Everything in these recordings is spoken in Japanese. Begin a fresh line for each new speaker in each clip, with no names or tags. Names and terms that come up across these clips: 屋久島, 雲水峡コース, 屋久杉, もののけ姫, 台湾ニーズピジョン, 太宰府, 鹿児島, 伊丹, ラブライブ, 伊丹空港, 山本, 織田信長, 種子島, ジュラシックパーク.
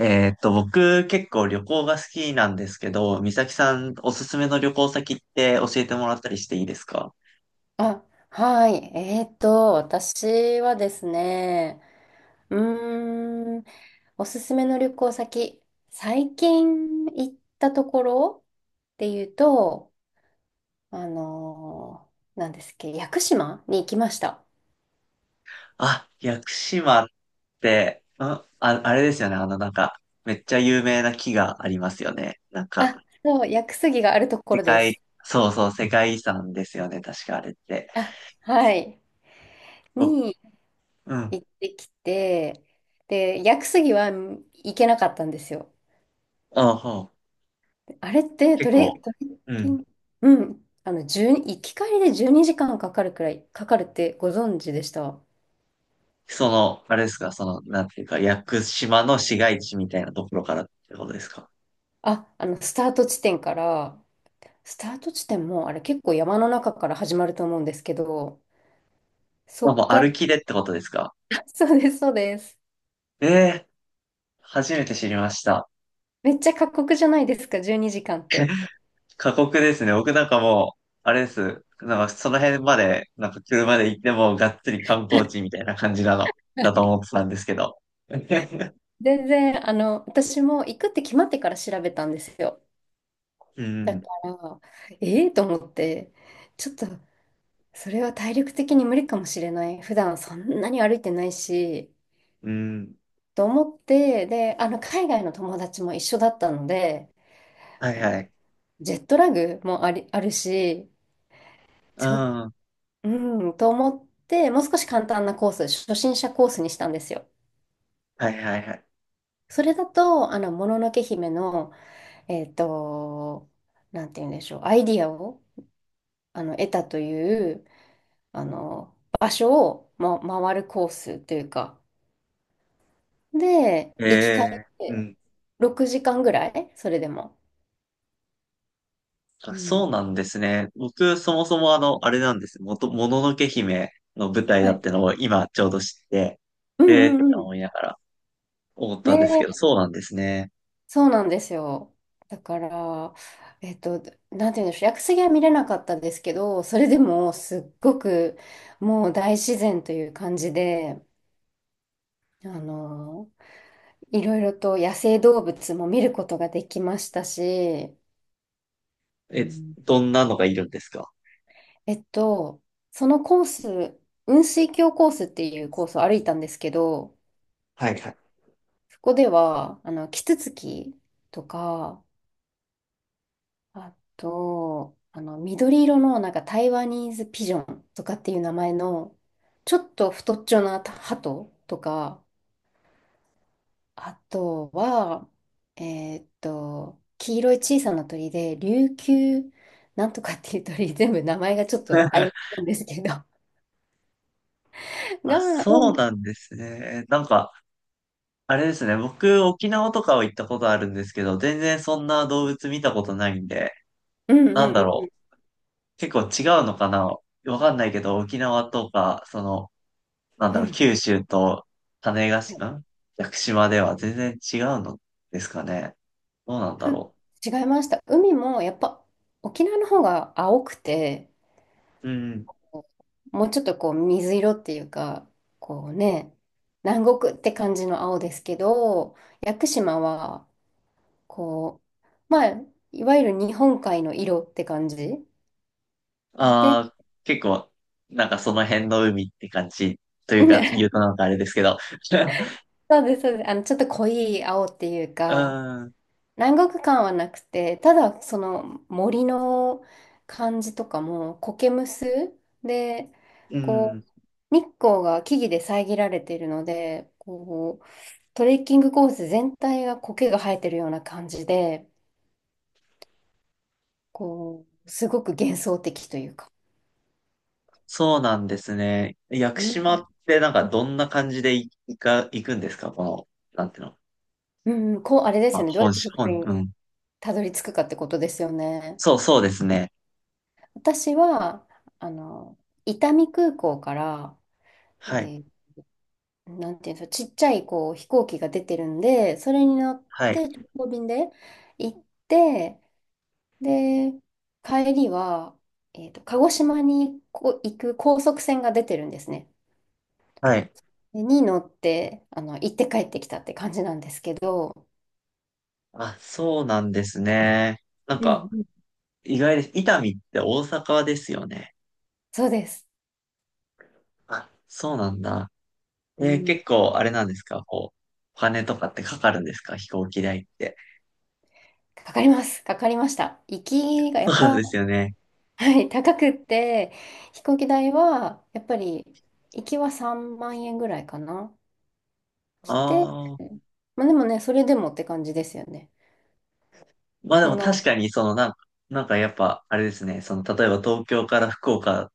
僕結構旅行が好きなんですけど、美咲さんおすすめの旅行先って教えてもらったりしていいですか？
あ、はい。私はですね、うーん、おすすめの旅行先、最近行ったところっていうと、あのなんですっけ、屋久島に行きました。
あ、屋久島って、あれですよね。なんか、めっちゃ有名な木がありますよね。なんか、
あ、そう、屋久杉があるところです。
そうそう、世界遺産ですよね、確かあれって。
あ、はい。
お、
に
うん。
行ってきて、で、屋久杉は行けなかったんですよ。
あ、ほう。
あれって
結構、
トレッ
う
キン
ん。
グ、うん、1行き帰りで12時間かんかかるくらい、かかるってご存知でした？
その、あれですか、その、なんていうか、屋久島の市街地みたいなところからってことですか？
あ、スタート地点から、スタート地点も、あれ結構山の中から始まると思うんですけど、そ
まあ、もう
っから、
歩きでってことですか？
そうです、そうです。
ええー、初めて知りました。
めっちゃ過酷じゃないですか、12時間って。
過酷ですね。僕なんかもう、あれです。なんかその辺まで、なんか車で行ってもがっつり観光地 みたいな感じなの、
は
だと
い。
思ってたんですけど。
全然、私も行くって決まってから調べたんですよ。
う
だか
ん、
ら、ええと思って、ちょっとそれは体力的に無理かもしれない。普段そんなに歩いてないし、
うん、
と思って、で、海外の友達も一緒だったので、
はい
あの、
はい。
ジェットラグもあるし、
う
ちょ、
ん。
うん、と思って、もう少し簡単なコース、初心者コースにしたんですよ。
はいはいはい。
それだと、もののけ姫の、えっと、なんて言うんでしょう、アイディアを、得たという、場所を、ま、回るコースというか、で、
え
行き帰り
えう
で
ん。
6時間ぐらいそれでも。
あ、
うん。
そうなんですね。僕、そもそもあれなんです。もののけ姫の舞台
は
だっ
い。
てのを今ちょうど知って、
う
えーっ
んう
て
んうん。
思いながら思っ
ね
たんですけど、
え、
そうなんですね。
そうなんですよ。だから、えっと、なんて言うんでしょう、屋久杉は見れなかったですけど、それでもすっごくもう大自然という感じで、あの、いろいろと野生動物も見ることができましたし、う
え、
ん。
どんなのがいるんですか？
えっと、そのコース、雲水峡コースっていうコースを歩いたんですけど、
はいはい。
そこでは、キツツキとか、あと、緑色の、なんか台湾ニーズピジョンとかっていう名前の、ちょっと太っちょな鳩とか、あとは、黄色い小さな鳥で、琉球なんとかっていう鳥、全部名前がちょっと曖昧 なんですけど、
あ、
が、う
そう
ん
なんですね。なんか、あれですね。僕、沖縄とかは行ったことあるんですけど、全然そんな動物見たことないんで、
うんうん
なん
う
だ
ん。
ろう。結構違うのかなわかんないけど、沖縄とか、その、なん
う
だろう、
ん。
九州と種子島、屋久島では全然違うのですかね。どうなんだろ
違いました。海もやっぱ沖縄の方が青くて、
う。うんうん。
もうちょっとこう水色っていうか、こうね、南国って感じの青ですけど、屋久島は、こう、まあ、いわゆる日本海の色って感じで、ね、
ああ、結構、なんかその辺の海って感じというか、言う となんかあれですけど。
そうです、そうです。ちょっと濃い青っていう
う
か、
ん、
南国感はなくて、ただその森の感じとかも、苔むすで、
う
こ
ん、
う、日光が木々で遮られているので、こう、トレッキングコース全体が苔が生えてるような感じで、こう、すごく幻想的というか。
そうなんですね。屋久
う
島
ん
ってなんかどんな感じでい行か、行くんですかこの、なんていうの？
うん、こう、あれで
ま
す
あ、
よね。どうや
本
って
州、
そこ
う
に
ん。
たどり着くかってことですよね。
そうそうですね。
私は、あの、伊丹空港から、え
はい、
ーなんていうんですか、ちっちゃいこう飛行機が出てるんで、それに乗っ
はい、
て直行便で行って、で、帰りは、鹿児島に行く高速船が出てるんですね。
はい。
でに乗って、行って帰ってきたって感じなんですけど、
あ、そうなんですね。なん
う
か、
んうん。
意外です。伊丹って大阪ですよね。
そうです。
あ、そうなんだ。
うん。
結構あれなんですかこう、お金とかってかかるんですか飛行機代って？
かかります。かかりました。行 きがや
そう
っ
なん
ぱ、
ですよね。
はい、高くって、飛行機代は、やっぱり、行きは3万円ぐらいかな。して、
ああ。
まあでもね、それでもって感じですよね。
まあで
そ
も
んな、
確かに、そのなんか、なんかやっぱ、あれですね。その、例えば東京から福岡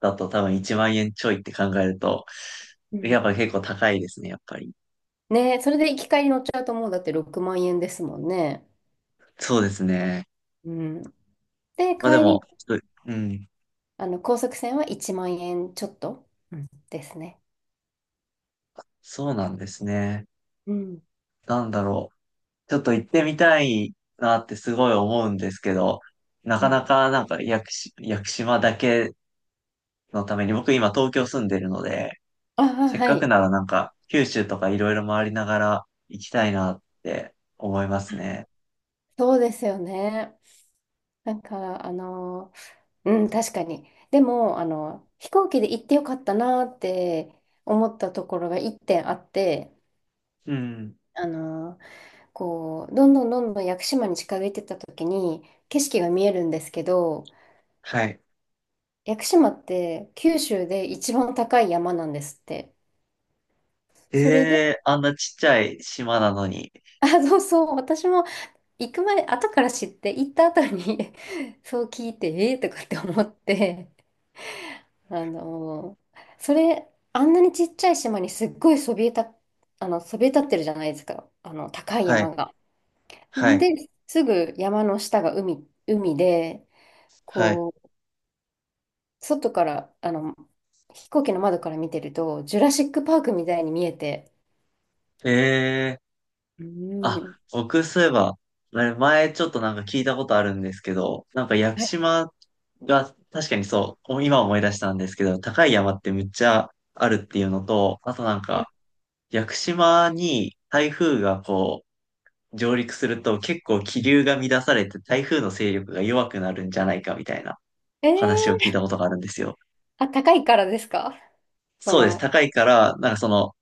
だと多分1万円ちょいって考えると、
う
や
ん
っぱ結構高いですね、やっぱり。
ね、それで行き帰り乗っちゃうともうだって6万円ですもんね。
そうですね。
うん。で、
まあで
帰
も、
り、
ちょっとうん。
高速船は1万円ちょっと、うんですね。
そうなんですね。
うん。
なんだろう。ちょっと行ってみたいなってすごい思うんですけど、な
う
か
ん。
なかなんか屋久島だけのために、僕今東京住んでるので、
ああ、
せっ
は
かく
い。
ならなんか九州とかいろいろ回りながら行きたいなって思いますね。
そうですよね。なんか、うん、確かに。でも、飛行機で行ってよかったなって思ったところが1点あって、
うん。
あの、こう、どんどんどんどん屋久島に近づいてった時に、景色が見えるんですけど、
はい。
屋久島って九州で一番高い山なんですって。
え
それで、
え、あんなちっちゃい島なのに。
あ、そうそう、私も行く前、後から知って、行った後に そう聞いて、ええーとかって思って、あのそれ、あんなにちっちゃい島にすっごいそびえた、そびえ立ってるじゃないですか、高い
は
山
い。
が。
はい。
で、すぐ山の下が海、海で、
はい。
こう、外から、飛行機の窓から見てると、ジュラシックパークみたいに見えて、
ええ、
う
あ、
ん。
僕そういえば、あれ前ちょっとなんか聞いたことあるんですけど、なんか屋久
はい。
島が確かにそう、今思い出したんですけど、高い山ってむっちゃあるっていうのと、あとなんか屋久島に台風がこう上陸すると結構気流が乱されて台風の勢力が弱くなるんじゃないかみたいな
え
話を聞
ー。
いたことがあるんですよ。
あ、高いからですか？そ
そうです。
の、
高いから、なんかその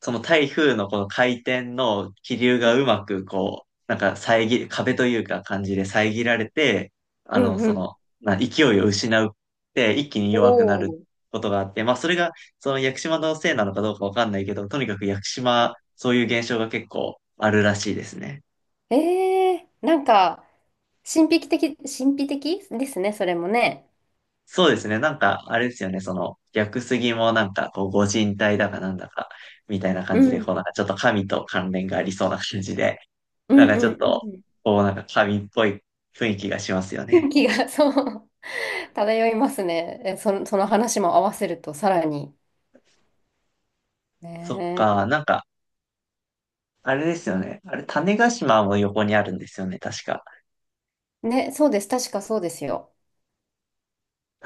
その台風のこの回転の気流
うん、
がうまくこう、なんか壁というか感じで遮られて、
う
あの、
ん、う
その、
ん。
勢いを失うって一気に
お
弱くなる
ー。
ことがあって、まあそれがその屋久島のせいなのかどうかわかんないけど、とにかく屋久島、そういう現象が結構あるらしいですね。
ええ、なんか、神秘的、神秘的ですね、それもね。
そうですね。なんか、あれですよね。その、屋久杉もなんか、こう、ご神体だかなんだか、みたいな
う
感じで、
ん、
こう、なんかちょっと神と関連がありそうな感じで、
う
な
ん、
んか
う
ちょっ
ん、
と、
うん。
こうなんか神っぽい雰囲気がしますよ
雰囲
ね。
気が、そう、漂いますね。え、その話も合わせると、さらに。
そっ
ね
か、なんか、あれですよね。あれ、種子島も横にあるんですよね、確か。
え、ね、そうです。確かそうですよ。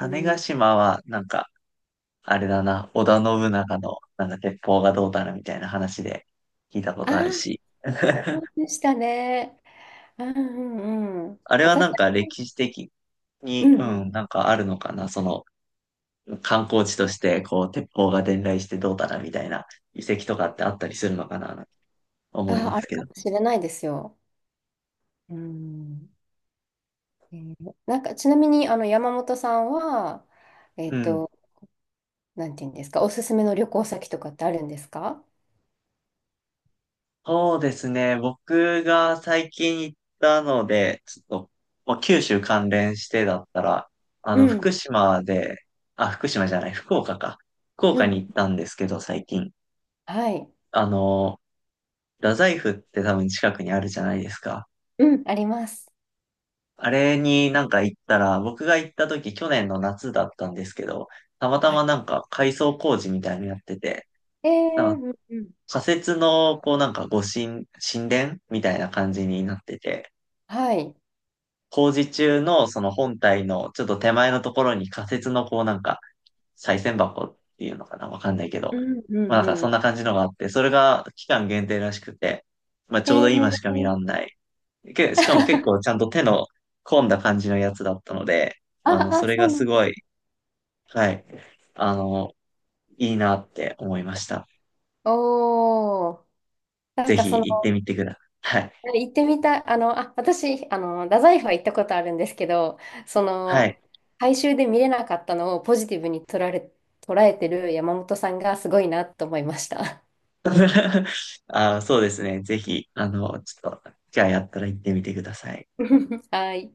う
子
ん。
島は、なんか、あれだな、織田信長の、なんか鉄砲がどうだなみたいな話で聞いたこ
あ
とある
あ、
し。
そう でしたね。うんうんうん。
あれは
私、
なんか歴史的
う
に、
んう
うん、
ん。
なんかあるのかな、その観光地として、こう、鉄砲が伝来してどうだなみたいな遺跡とかってあったりするのかな、思い
ああ、
ま
あ
す
る
け
か
ど。
もしれないですよ。うん。えーなんか、ちなみに、山本さんは、え
う
っ
ん。
と、なんていうんですか、おすすめの旅行先とかってあるんですか？
そうですね。僕が最近行ったので、ちょっと、まあ、九州関連してだったら、
うん、
福島で、あ、福島じゃない、福岡か。福
う
岡
ん、
に行ったんですけど、最近。
はい、
あの、太宰府って多分近くにあるじゃないですか。
うん。あります。
あれになんか行ったら、僕が行った時、去年の夏だったんですけど、たまた
は
ま
い。
なんか改装工事みたいになのやってて、
えー、
なんか
うん、うん、
仮設の、こうなんか神殿みたいな感じになってて、
はい。
工事中のその本体のちょっと手前のところに仮設のこうなんか、再銭箱っていうのかなわかんないけど。
うん、う
まあなんか
ん
そん
う
な感じのがあって、それが期間限定らしくて、まあ
ん。
ちょう
え
ど今しか見ら
ー、
んない。しかも結構 ちゃんと手の込んだ感じのやつだったので、
あ、
そ
あ、
れ
そ
が
うなん
す
だ。
ごい、はい、あの、いいなって思いました。
おー、なん
ぜ
か
ひ
その、
行ってみてください。はい。
行ってみたい、あ、私、太宰府は行ったことあるんですけど、そ
はい。
の、改修で見れなかったのをポジティブに捉えてる山本さんがすごいなと思いました。
あ、そうですね。ぜひ、ちょっと、じゃあやったら行ってみてください。
はい。